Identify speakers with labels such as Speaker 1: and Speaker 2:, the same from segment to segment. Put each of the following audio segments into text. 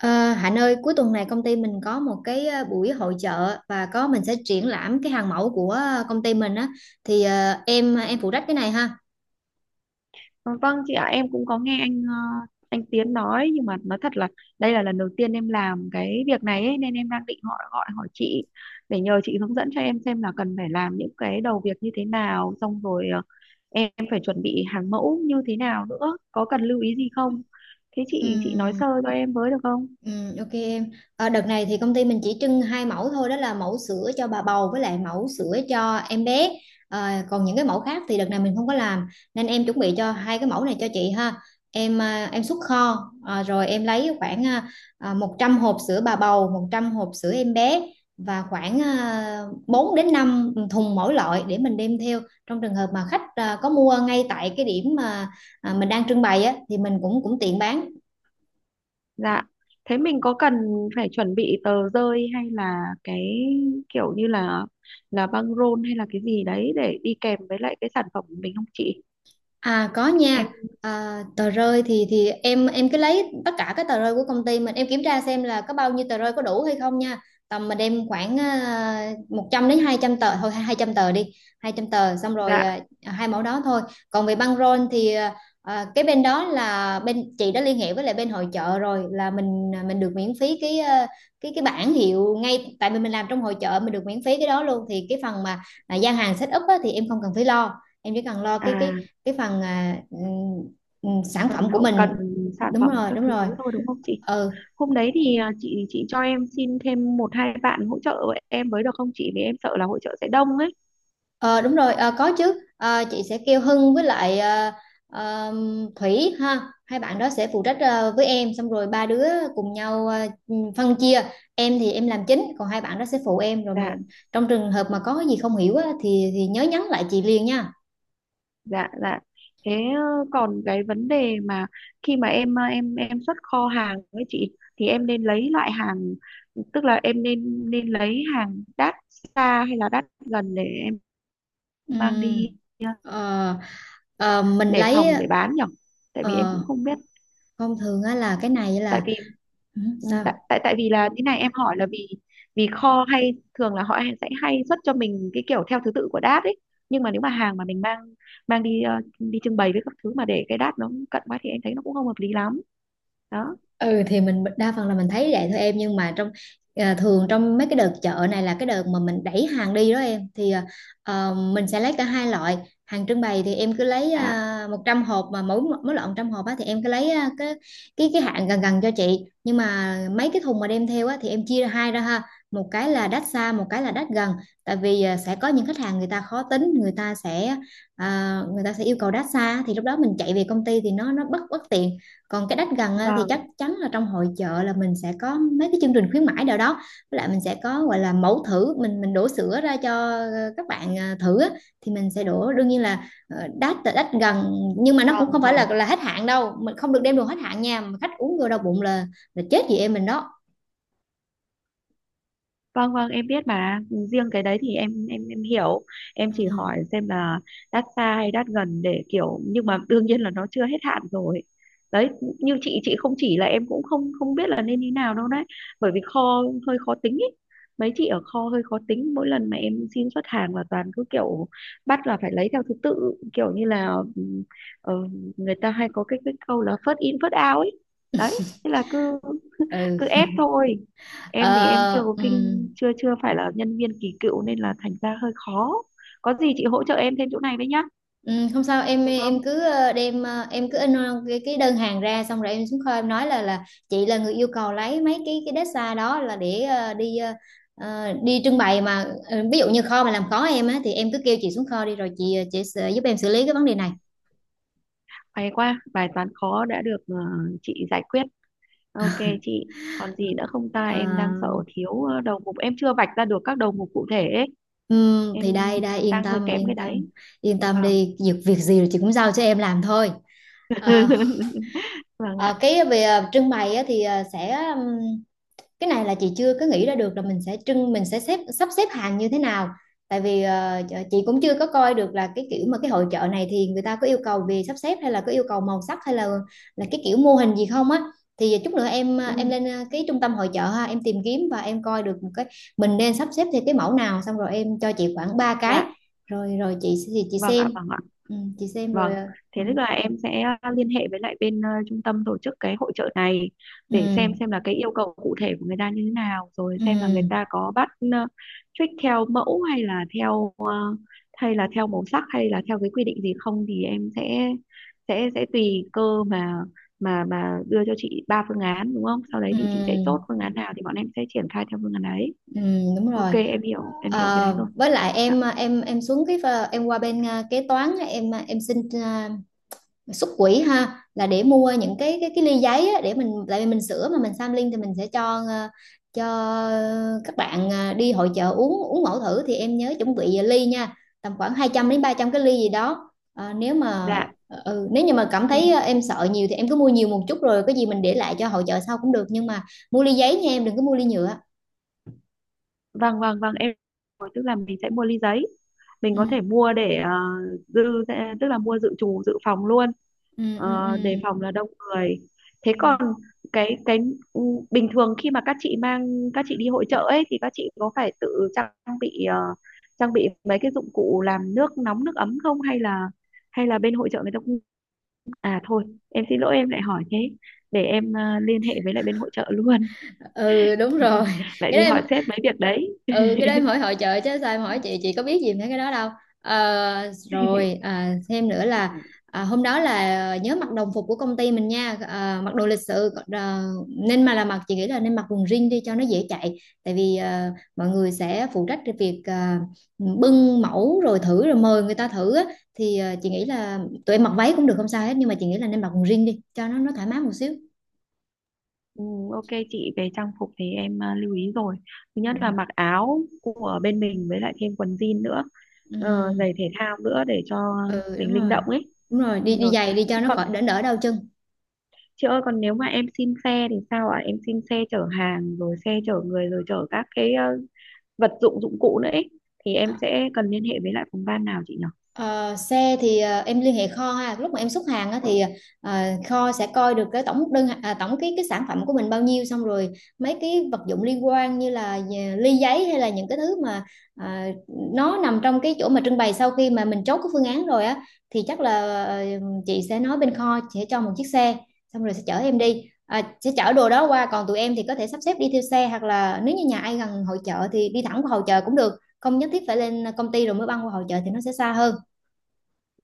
Speaker 1: Ờ, Hạnh ơi, cuối tuần này công ty mình có một cái buổi hội chợ và có mình sẽ triển lãm cái hàng mẫu của công ty mình á thì em phụ trách cái này ha.
Speaker 2: Ờ, Vâng chị ạ, em cũng có nghe anh Tiến nói, nhưng mà nói thật là đây là lần đầu tiên em làm cái việc này ấy, nên em đang định gọi gọi hỏi chị để nhờ chị hướng dẫn cho em xem là cần phải làm những cái đầu việc như thế nào, xong rồi em phải chuẩn bị hàng mẫu như thế nào nữa, có cần lưu ý gì không? Thế chị nói
Speaker 1: Ừm,
Speaker 2: sơ cho em với được không?
Speaker 1: ok em. Đợt này thì công ty mình chỉ trưng hai mẫu thôi, đó là mẫu sữa cho bà bầu với lại mẫu sữa cho em bé. Còn những cái mẫu khác thì đợt này mình không có làm, nên em chuẩn bị cho hai cái mẫu này cho chị ha. Em xuất kho, rồi em lấy khoảng 100 hộp sữa bà bầu, 100 hộp sữa em bé và khoảng 4 đến 5 thùng mỗi loại để mình đem theo, trong trường hợp mà khách có mua ngay tại cái điểm mà mình đang trưng bày á, thì mình cũng cũng tiện bán.
Speaker 2: Dạ. Thế mình có cần phải chuẩn bị tờ rơi hay là cái kiểu như là băng rôn hay là cái gì đấy để đi kèm với lại cái sản phẩm của mình không chị?
Speaker 1: À có nha.
Speaker 2: Em.
Speaker 1: À,
Speaker 2: Ừ,
Speaker 1: tờ rơi thì em cứ lấy tất cả các tờ rơi của công ty mình, em kiểm tra xem là có bao nhiêu tờ rơi, có đủ hay không nha. Tầm mình đem khoảng 100 đến 200 tờ thôi, 200 tờ đi. Hai trăm tờ xong rồi,
Speaker 2: dạ,
Speaker 1: hai mẫu đó thôi. Còn về băng rôn thì cái bên đó là bên chị đã liên hệ với lại bên hội chợ rồi, là mình được miễn phí cái, cái bảng hiệu, ngay tại vì mình làm trong hội chợ mình được miễn phí cái đó luôn. Thì cái phần mà gian hàng set up á, thì em không cần phải lo, em chỉ cần lo
Speaker 2: à,
Speaker 1: cái phần, ừ, sản
Speaker 2: phần
Speaker 1: phẩm của
Speaker 2: hậu cần
Speaker 1: mình.
Speaker 2: sản
Speaker 1: Đúng
Speaker 2: phẩm
Speaker 1: rồi,
Speaker 2: các
Speaker 1: đúng
Speaker 2: thứ
Speaker 1: rồi.
Speaker 2: thôi, đúng không chị?
Speaker 1: Ừ.
Speaker 2: Hôm đấy thì chị cho em xin thêm một hai bạn hỗ trợ em với được không chị, vì em sợ là hỗ trợ sẽ đông ấy.
Speaker 1: ờ, Đúng rồi, có chứ. Ờ, chị sẽ kêu Hưng với lại ờ, Thủy ha, hai bạn đó sẽ phụ trách với em, xong rồi ba đứa cùng nhau phân chia. Em thì em làm chính, còn hai bạn đó sẽ phụ em rồi mà.
Speaker 2: Dạ,
Speaker 1: Trong trường hợp mà có cái gì không hiểu á, thì nhớ nhắn lại chị liền nha.
Speaker 2: dạ, dạ. Thế còn cái vấn đề mà khi mà em xuất kho hàng với chị thì em nên lấy loại hàng, tức là em nên nên lấy hàng đắt xa hay là đắt gần để em mang đi
Speaker 1: Ừm,
Speaker 2: ờ,
Speaker 1: ờ, mình
Speaker 2: để
Speaker 1: lấy
Speaker 2: phòng để bán nhỉ, tại vì em
Speaker 1: ờ,
Speaker 2: cũng không biết.
Speaker 1: thông thường á là cái này
Speaker 2: tại
Speaker 1: là
Speaker 2: vì
Speaker 1: ừ,
Speaker 2: ừ, tại
Speaker 1: sao.
Speaker 2: tại tại vì là thế này, em hỏi là vì vì kho hay thường là họ sẽ hay xuất cho mình cái kiểu theo thứ tự của đát ấy, nhưng mà nếu mà hàng mà mình mang mang đi đi trưng bày với các thứ mà để cái đát nó cận quá thì em thấy nó cũng không hợp lý lắm đó.
Speaker 1: Ừ thì mình đa phần là mình thấy vậy thôi em, nhưng mà trong thường trong mấy cái đợt chợ này là cái đợt mà mình đẩy hàng đi đó em, thì mình sẽ lấy cả hai loại. Hàng trưng bày thì em cứ lấy
Speaker 2: Dạ,
Speaker 1: 100 hộp, mà mỗi mỗi loại 100 hộp á, thì em cứ lấy cái hạn gần gần cho chị. Nhưng mà mấy cái thùng mà đem theo á, thì em chia ra hai ra ha, một cái là đắt xa, một cái là đắt gần. Tại vì sẽ có những khách hàng, người ta khó tính, người ta sẽ yêu cầu đắt xa, thì lúc đó mình chạy về công ty thì nó bất bất tiện. Còn cái đắt gần á, thì chắc
Speaker 2: vâng,
Speaker 1: chắn là trong hội chợ là mình sẽ có mấy cái chương trình khuyến mãi nào đó, với lại mình sẽ có gọi là mẫu thử, mình đổ sữa ra cho các bạn thử á. Thì mình sẽ đổ, đương nhiên là đắt là đắt gần, nhưng mà nó cũng
Speaker 2: vâng,
Speaker 1: không phải
Speaker 2: vâng.
Speaker 1: là hết hạn đâu, mình không được đem đồ hết hạn nha, mà khách uống vô đau bụng là chết chị em mình đó.
Speaker 2: Vâng, vâng, em biết mà. Riêng cái đấy thì em hiểu, em chỉ
Speaker 1: Ừ.
Speaker 2: hỏi xem là đắt xa hay đắt gần để kiểu, nhưng mà đương nhiên là nó chưa hết hạn rồi, đấy. Như chị không chỉ là em cũng không không biết là nên như nào đâu đấy, bởi vì kho hơi khó tính ý. Mấy chị ở kho hơi khó tính, mỗi lần mà em xin xuất hàng là toàn cứ kiểu bắt là phải lấy theo thứ tự, kiểu như là ừ, ờ, người ta hay có cái câu là first in first out ấy, đấy, thế là cứ
Speaker 1: Ừ.
Speaker 2: cứ ép thôi. Em thì em chưa
Speaker 1: Ờ,
Speaker 2: có
Speaker 1: ừ.
Speaker 2: kinh chưa chưa phải là nhân viên kỳ cựu, nên là thành ra hơi khó, có gì chị hỗ trợ em thêm chỗ này với nhá,
Speaker 1: Ừ, không sao, em
Speaker 2: được không?
Speaker 1: em cứ đem, em cứ in, cái đơn hàng ra, xong rồi em xuống kho em nói là chị là người yêu cầu lấy mấy cái deadline đó là để đi trưng bày mà. Ví dụ như kho mà làm khó em á, thì em cứ kêu chị xuống kho đi, rồi chị sẽ giúp em xử lý cái vấn đề này.
Speaker 2: Hay quá, bài toán khó đã được chị giải quyết. Ok chị, còn gì nữa không ta,
Speaker 1: Ờ,
Speaker 2: em đang sợ thiếu đầu mục, em chưa vạch ra được các đầu mục cụ thể ấy.
Speaker 1: ừ,
Speaker 2: Em
Speaker 1: thì Đây đây, yên
Speaker 2: đang hơi
Speaker 1: tâm
Speaker 2: kém cái
Speaker 1: yên tâm,
Speaker 2: đấy.
Speaker 1: yên tâm
Speaker 2: Vâng.
Speaker 1: đi, việc việc gì rồi chị cũng giao cho em làm thôi. Ờ,
Speaker 2: Vâng ạ.
Speaker 1: ờ, cái về trưng bày á, thì ờ, sẽ cái này là chị chưa có nghĩ ra được là mình sẽ trưng, mình sẽ sắp xếp hàng như thế nào. Tại vì chị cũng chưa có coi được là cái kiểu mà cái hội chợ này thì người ta có yêu cầu về sắp xếp, hay là có yêu cầu màu sắc, hay là cái kiểu mô hình gì không á. Thì chút nữa em ờ,
Speaker 2: Ừ,
Speaker 1: em lên cái trung tâm hội chợ ha, em tìm kiếm và em coi được một cái mình nên sắp xếp theo cái mẫu nào, xong rồi em cho chị khoảng ba cái,
Speaker 2: dạ.
Speaker 1: rồi rồi chị thì chị
Speaker 2: Vâng ạ.
Speaker 1: xem.
Speaker 2: Vâng ạ.
Speaker 1: Ừ, chị xem
Speaker 2: Vâng,
Speaker 1: rồi,
Speaker 2: thế
Speaker 1: ừ,
Speaker 2: tức là em sẽ liên hệ với lại bên trung tâm tổ chức cái hội chợ này để
Speaker 1: ừ,
Speaker 2: xem là cái yêu cầu cụ thể của người ta như thế nào, rồi xem là người
Speaker 1: ừ,
Speaker 2: ta có bắt trích theo mẫu hay là hay là theo màu sắc hay là theo cái quy định gì không, thì em sẽ tùy cơ mà đưa cho chị ba phương án, đúng không?
Speaker 1: ừ,
Speaker 2: Sau đấy thì chị sẽ chốt
Speaker 1: ừ,
Speaker 2: phương án nào thì bọn em sẽ triển khai theo phương án ấy.
Speaker 1: ừ, đúng
Speaker 2: Ok,
Speaker 1: rồi.
Speaker 2: em hiểu cái đấy rồi.
Speaker 1: Với lại
Speaker 2: Vâng ạ.
Speaker 1: em xuống cái em qua bên kế toán á, em xin à, xuất quỹ ha, là để mua những cái ly giấy á, để mình, tại vì mình sửa mà mình sampling thì mình sẽ cho cho các bạn đi hội chợ uống uống mẫu thử, thì em nhớ chuẩn bị ly nha, tầm khoảng 200 đến 300 cái ly gì đó. Ờ, nếu mà
Speaker 2: Dạ,
Speaker 1: Nếu như mà cảm
Speaker 2: ok.
Speaker 1: thấy em sợ nhiều thì em cứ mua nhiều một chút, rồi cái gì mình để lại cho hội chợ sau cũng được, nhưng mà mua ly giấy nha, em đừng có mua ly nhựa.
Speaker 2: Vâng, vâng, vâng, em. Rồi, tức là mình sẽ mua ly giấy, mình
Speaker 1: Ừ,
Speaker 2: có thể mua để dự tức là mua dự trù dự phòng luôn.
Speaker 1: ừ, ừ,
Speaker 2: Ờ, đề
Speaker 1: ừ.
Speaker 2: phòng là đông người. Thế
Speaker 1: Ừ.
Speaker 2: còn cái ừ, bình thường khi mà các chị mang các chị đi hội chợ ấy thì các chị có phải tự bị ờ, trang bị mấy cái dụng cụ làm nước nóng nước ấm không, hay là bên hội chợ người ta cũng, à thôi, em xin lỗi, em lại hỏi thế, để em liên hệ với lại bên hội chợ luôn.
Speaker 1: Ừ, đúng rồi.
Speaker 2: Lại
Speaker 1: Cái
Speaker 2: đi
Speaker 1: đó em.
Speaker 2: hỏi sếp mấy việc đấy.
Speaker 1: Ừ, cái đó em hỏi hội chợ chứ sao em hỏi chị có biết gì về cái đó đâu. Rồi, thêm nữa
Speaker 2: Ừ,
Speaker 1: là, hôm đó là nhớ mặc đồng phục của công ty mình nha, mặc đồ lịch sự, nên mà là chị nghĩ là nên mặc quần jean đi cho nó dễ chạy. Tại vì mọi người sẽ phụ trách cái việc bưng mẫu rồi thử rồi mời người ta thử á. Thì chị nghĩ là tụi em mặc váy cũng được, không sao hết, nhưng mà chị nghĩ là nên mặc quần jean đi cho nó thoải mái một xíu.
Speaker 2: ừ, ok chị, về trang phục thì em lưu ý rồi, thứ nhất là mặc áo của bên mình với lại thêm quần jean nữa, ờ,
Speaker 1: Ừ,
Speaker 2: giày thể thao nữa để cho
Speaker 1: ừ đúng
Speaker 2: mình linh
Speaker 1: rồi,
Speaker 2: động ấy.
Speaker 1: đúng rồi, đi đi
Speaker 2: Rồi
Speaker 1: giày đi cho nó
Speaker 2: còn
Speaker 1: khỏi đỡ đỡ đau chân.
Speaker 2: chị ơi, còn nếu mà em xin xe thì sao ạ, em xin xe chở hàng rồi xe chở người rồi chở các cái vật dụng dụng cụ nữa ấy thì em sẽ cần liên hệ với lại phòng ban nào chị nhỉ?
Speaker 1: Ờ, Xe thì em liên hệ kho ha, lúc mà em xuất hàng á, thì ờ, kho sẽ coi được cái tổng đơn, tổng cái sản phẩm của mình bao nhiêu, xong rồi mấy cái vật dụng liên quan như là ly giấy hay là những cái thứ mà ờ, nó nằm trong cái chỗ mà trưng bày, sau khi mà mình chốt cái phương án rồi á, thì chắc là chị sẽ nói bên kho sẽ cho một chiếc xe, xong rồi sẽ chở em đi. À, sẽ chở đồ đó qua, còn tụi em thì có thể sắp xếp đi theo xe, hoặc là nếu như nhà ai gần hội chợ thì đi thẳng qua hội chợ cũng được, không nhất thiết phải lên công ty rồi mới băng qua hội chợ thì nó sẽ xa hơn.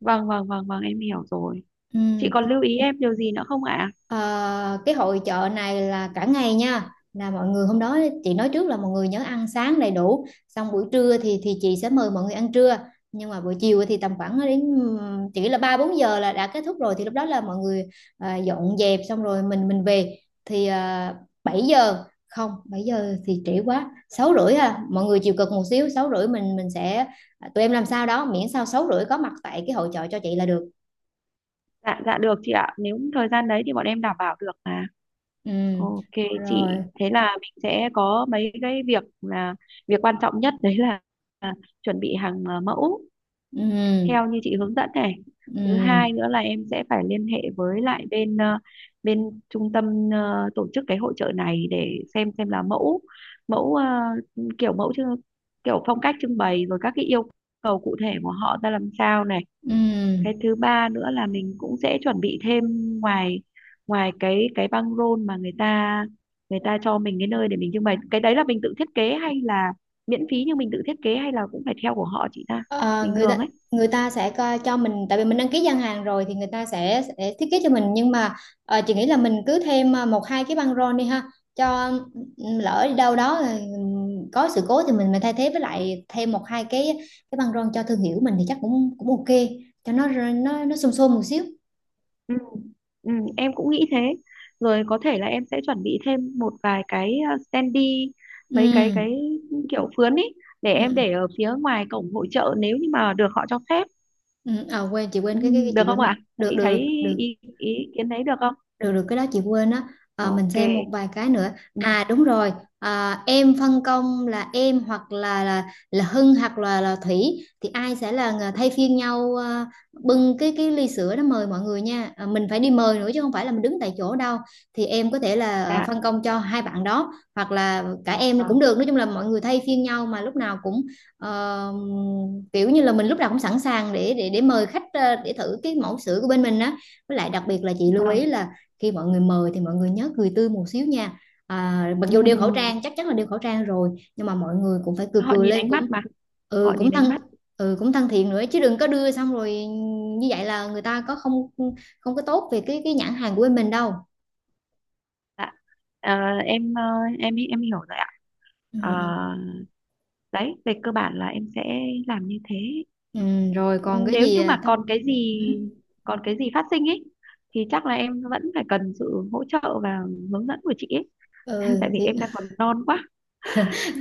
Speaker 2: Vâng, vâng, vâng, vâng, em hiểu rồi.
Speaker 1: Ừ.
Speaker 2: Chị còn lưu ý em điều gì nữa không ạ?
Speaker 1: Ờ, cái hội chợ này là cả ngày nha, là mọi người hôm đó chị nói trước là mọi người nhớ ăn sáng đầy đủ, xong buổi trưa thì chị sẽ mời mọi người ăn trưa. Nhưng mà buổi chiều thì tầm khoảng đến chỉ là ba bốn giờ là đã kết thúc rồi, thì lúc đó là mọi người dọn dẹp xong rồi mình về. Thì 7 giờ, không, 7 giờ thì trễ quá, 6:30, à mọi người chịu cực một xíu, 6:30 mình sẽ, tụi em làm sao đó miễn sao 6:30 có mặt tại cái hội chợ cho chị là được.
Speaker 2: Dạ, dạ, được chị ạ, nếu thời gian đấy thì bọn em đảm bảo được mà.
Speaker 1: Ừ
Speaker 2: Ok chị,
Speaker 1: rồi.
Speaker 2: thế là mình sẽ có mấy cái việc là, việc quan trọng nhất đấy là chuẩn bị hàng mẫu theo
Speaker 1: Ừ.
Speaker 2: như chị hướng dẫn này. Thứ hai
Speaker 1: Ừ,
Speaker 2: nữa là em sẽ phải liên hệ với lại bên bên trung tâm tổ chức cái hội chợ này để xem là mẫu mẫu kiểu mẫu chứ kiểu phong cách trưng bày rồi các cái yêu cầu cụ thể của họ ra làm sao này. Cái
Speaker 1: ừ.
Speaker 2: thứ ba nữa là mình cũng sẽ chuẩn bị thêm ngoài ngoài cái băng rôn mà người ta cho mình cái nơi để mình trưng bày, cái đấy là mình tự thiết kế hay là miễn phí nhưng mình tự thiết kế hay là cũng phải theo của họ chị ta
Speaker 1: Ờ,
Speaker 2: bình
Speaker 1: người
Speaker 2: thường
Speaker 1: ta
Speaker 2: ấy.
Speaker 1: người ta sẽ coi cho mình, tại vì mình đăng ký gian hàng rồi thì người ta sẽ thiết kế cho mình, nhưng mà chị nghĩ là mình cứ thêm một hai cái băng rôn đi ha, cho lỡ đi đâu đó có sự cố thì mình thay thế, với lại thêm một hai cái băng rôn cho thương hiệu mình thì chắc cũng cũng ok, cho nó xôm xôm một xíu.
Speaker 2: Ừ. Ừ, em cũng nghĩ thế, rồi có thể là em sẽ chuẩn bị thêm một vài cái standee, mấy cái
Speaker 1: Ừ,
Speaker 2: kiểu phướn ấy để em để
Speaker 1: ừ,
Speaker 2: ở phía ngoài cổng hội chợ nếu như mà được họ cho phép.
Speaker 1: ừ. À, quên, chị
Speaker 2: Ừ,
Speaker 1: quên cái, cái
Speaker 2: được
Speaker 1: chị
Speaker 2: không
Speaker 1: quên mà,
Speaker 2: ạ?
Speaker 1: được
Speaker 2: Chị
Speaker 1: được
Speaker 2: thấy
Speaker 1: được được,
Speaker 2: ý kiến đấy được không?
Speaker 1: được được, cái đó chị quên á. Mình
Speaker 2: Ok.
Speaker 1: xem một vài cái nữa.
Speaker 2: Ừm,
Speaker 1: À đúng rồi, à, em phân công là em hoặc là Hưng hoặc là Thủy, thì ai sẽ là người thay phiên nhau bưng cái ly sữa đó mời mọi người nha, mình phải đi mời nữa chứ không phải là mình đứng tại chỗ đâu. Thì em có thể là
Speaker 2: dạ,
Speaker 1: phân công cho hai bạn đó hoặc là cả em cũng
Speaker 2: vâng,
Speaker 1: được, nói chung là mọi người thay phiên nhau mà lúc nào cũng ờ, kiểu như là mình lúc nào cũng sẵn sàng để mời khách, để thử cái mẫu sữa của bên mình á. Với lại đặc biệt là chị lưu
Speaker 2: vâng.
Speaker 1: ý là, khi mọi người mời thì mọi người nhớ cười tươi một xíu nha. À, mặc dù đeo khẩu trang, chắc chắn là đeo khẩu trang rồi, nhưng mà mọi người cũng phải cười
Speaker 2: Họ
Speaker 1: cười
Speaker 2: nhìn
Speaker 1: lên,
Speaker 2: ánh mắt
Speaker 1: cũng
Speaker 2: mà, họ
Speaker 1: ừ cũng
Speaker 2: nhìn
Speaker 1: thân,
Speaker 2: ánh mắt.
Speaker 1: ừ cũng thân thiện nữa chứ, đừng có đưa xong rồi như vậy là người ta có không không có tốt về cái nhãn hàng của bên mình đâu.
Speaker 2: Dạ. Ờ, em ờ, em hiểu rồi ạ.
Speaker 1: Ừ,
Speaker 2: Ờ,
Speaker 1: ừ,
Speaker 2: đấy, về cơ bản là em sẽ làm như thế.
Speaker 1: ừ, rồi
Speaker 2: Ừ,
Speaker 1: còn cái
Speaker 2: nếu
Speaker 1: gì
Speaker 2: như mà
Speaker 1: thông ừ,
Speaker 2: còn cái gì phát sinh ấy thì chắc là em vẫn phải cần sự hỗ trợ và hướng dẫn của chị ấy,
Speaker 1: ừ,
Speaker 2: tại vì
Speaker 1: thì.
Speaker 2: em đang còn non quá.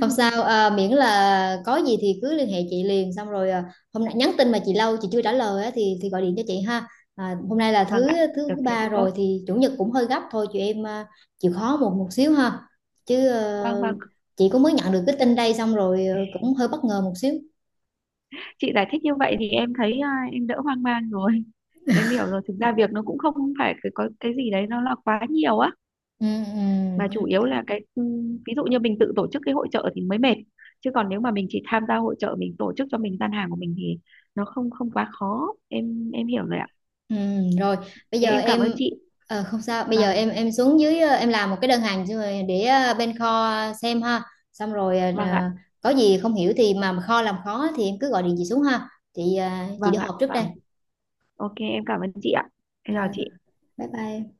Speaker 1: Không sao, miễn là có gì thì cứ liên hệ chị liền, xong rồi hôm nay nhắn tin mà chị lâu chị chưa trả lời á, thì gọi điện cho chị ha. À, hôm nay là
Speaker 2: Vâng
Speaker 1: thứ
Speaker 2: ạ,
Speaker 1: thứ
Speaker 2: được thế thì
Speaker 1: ba
Speaker 2: tốt.
Speaker 1: rồi thì chủ nhật cũng hơi gấp thôi, chị em, chịu khó một một xíu ha. Chứ
Speaker 2: Vâng, vâng.
Speaker 1: chị cũng mới nhận được cái tin đây, xong rồi cũng hơi bất ngờ một xíu.
Speaker 2: Chị giải thích như vậy thì em thấy em đỡ hoang mang rồi em hiểu rồi, thực ra việc nó cũng không phải cái có cái gì đấy nó là quá nhiều á,
Speaker 1: Ừ,
Speaker 2: mà chủ
Speaker 1: ừ.
Speaker 2: yếu là cái ví dụ như mình tự tổ chức cái hội chợ thì mới mệt, chứ còn nếu mà mình chỉ tham gia hội chợ mình tổ chức cho mình gian hàng của mình thì nó không không quá khó, em hiểu rồi ạ.
Speaker 1: Ừ, rồi bây
Speaker 2: Thế
Speaker 1: giờ
Speaker 2: em cảm ơn
Speaker 1: em,
Speaker 2: chị.
Speaker 1: không sao, bây giờ
Speaker 2: Vâng,
Speaker 1: em xuống dưới, em làm một cái đơn hàng xong rồi để bên kho xem ha, xong rồi,
Speaker 2: vâng ạ.
Speaker 1: có gì không hiểu thì mà kho làm khó thì em cứ gọi điện chị xuống ha, chị
Speaker 2: Vâng
Speaker 1: đi
Speaker 2: ạ.
Speaker 1: họp trước đây,
Speaker 2: Vâng. Ok, em cảm ơn chị ạ, em chào
Speaker 1: rồi
Speaker 2: chị.
Speaker 1: bye bye em.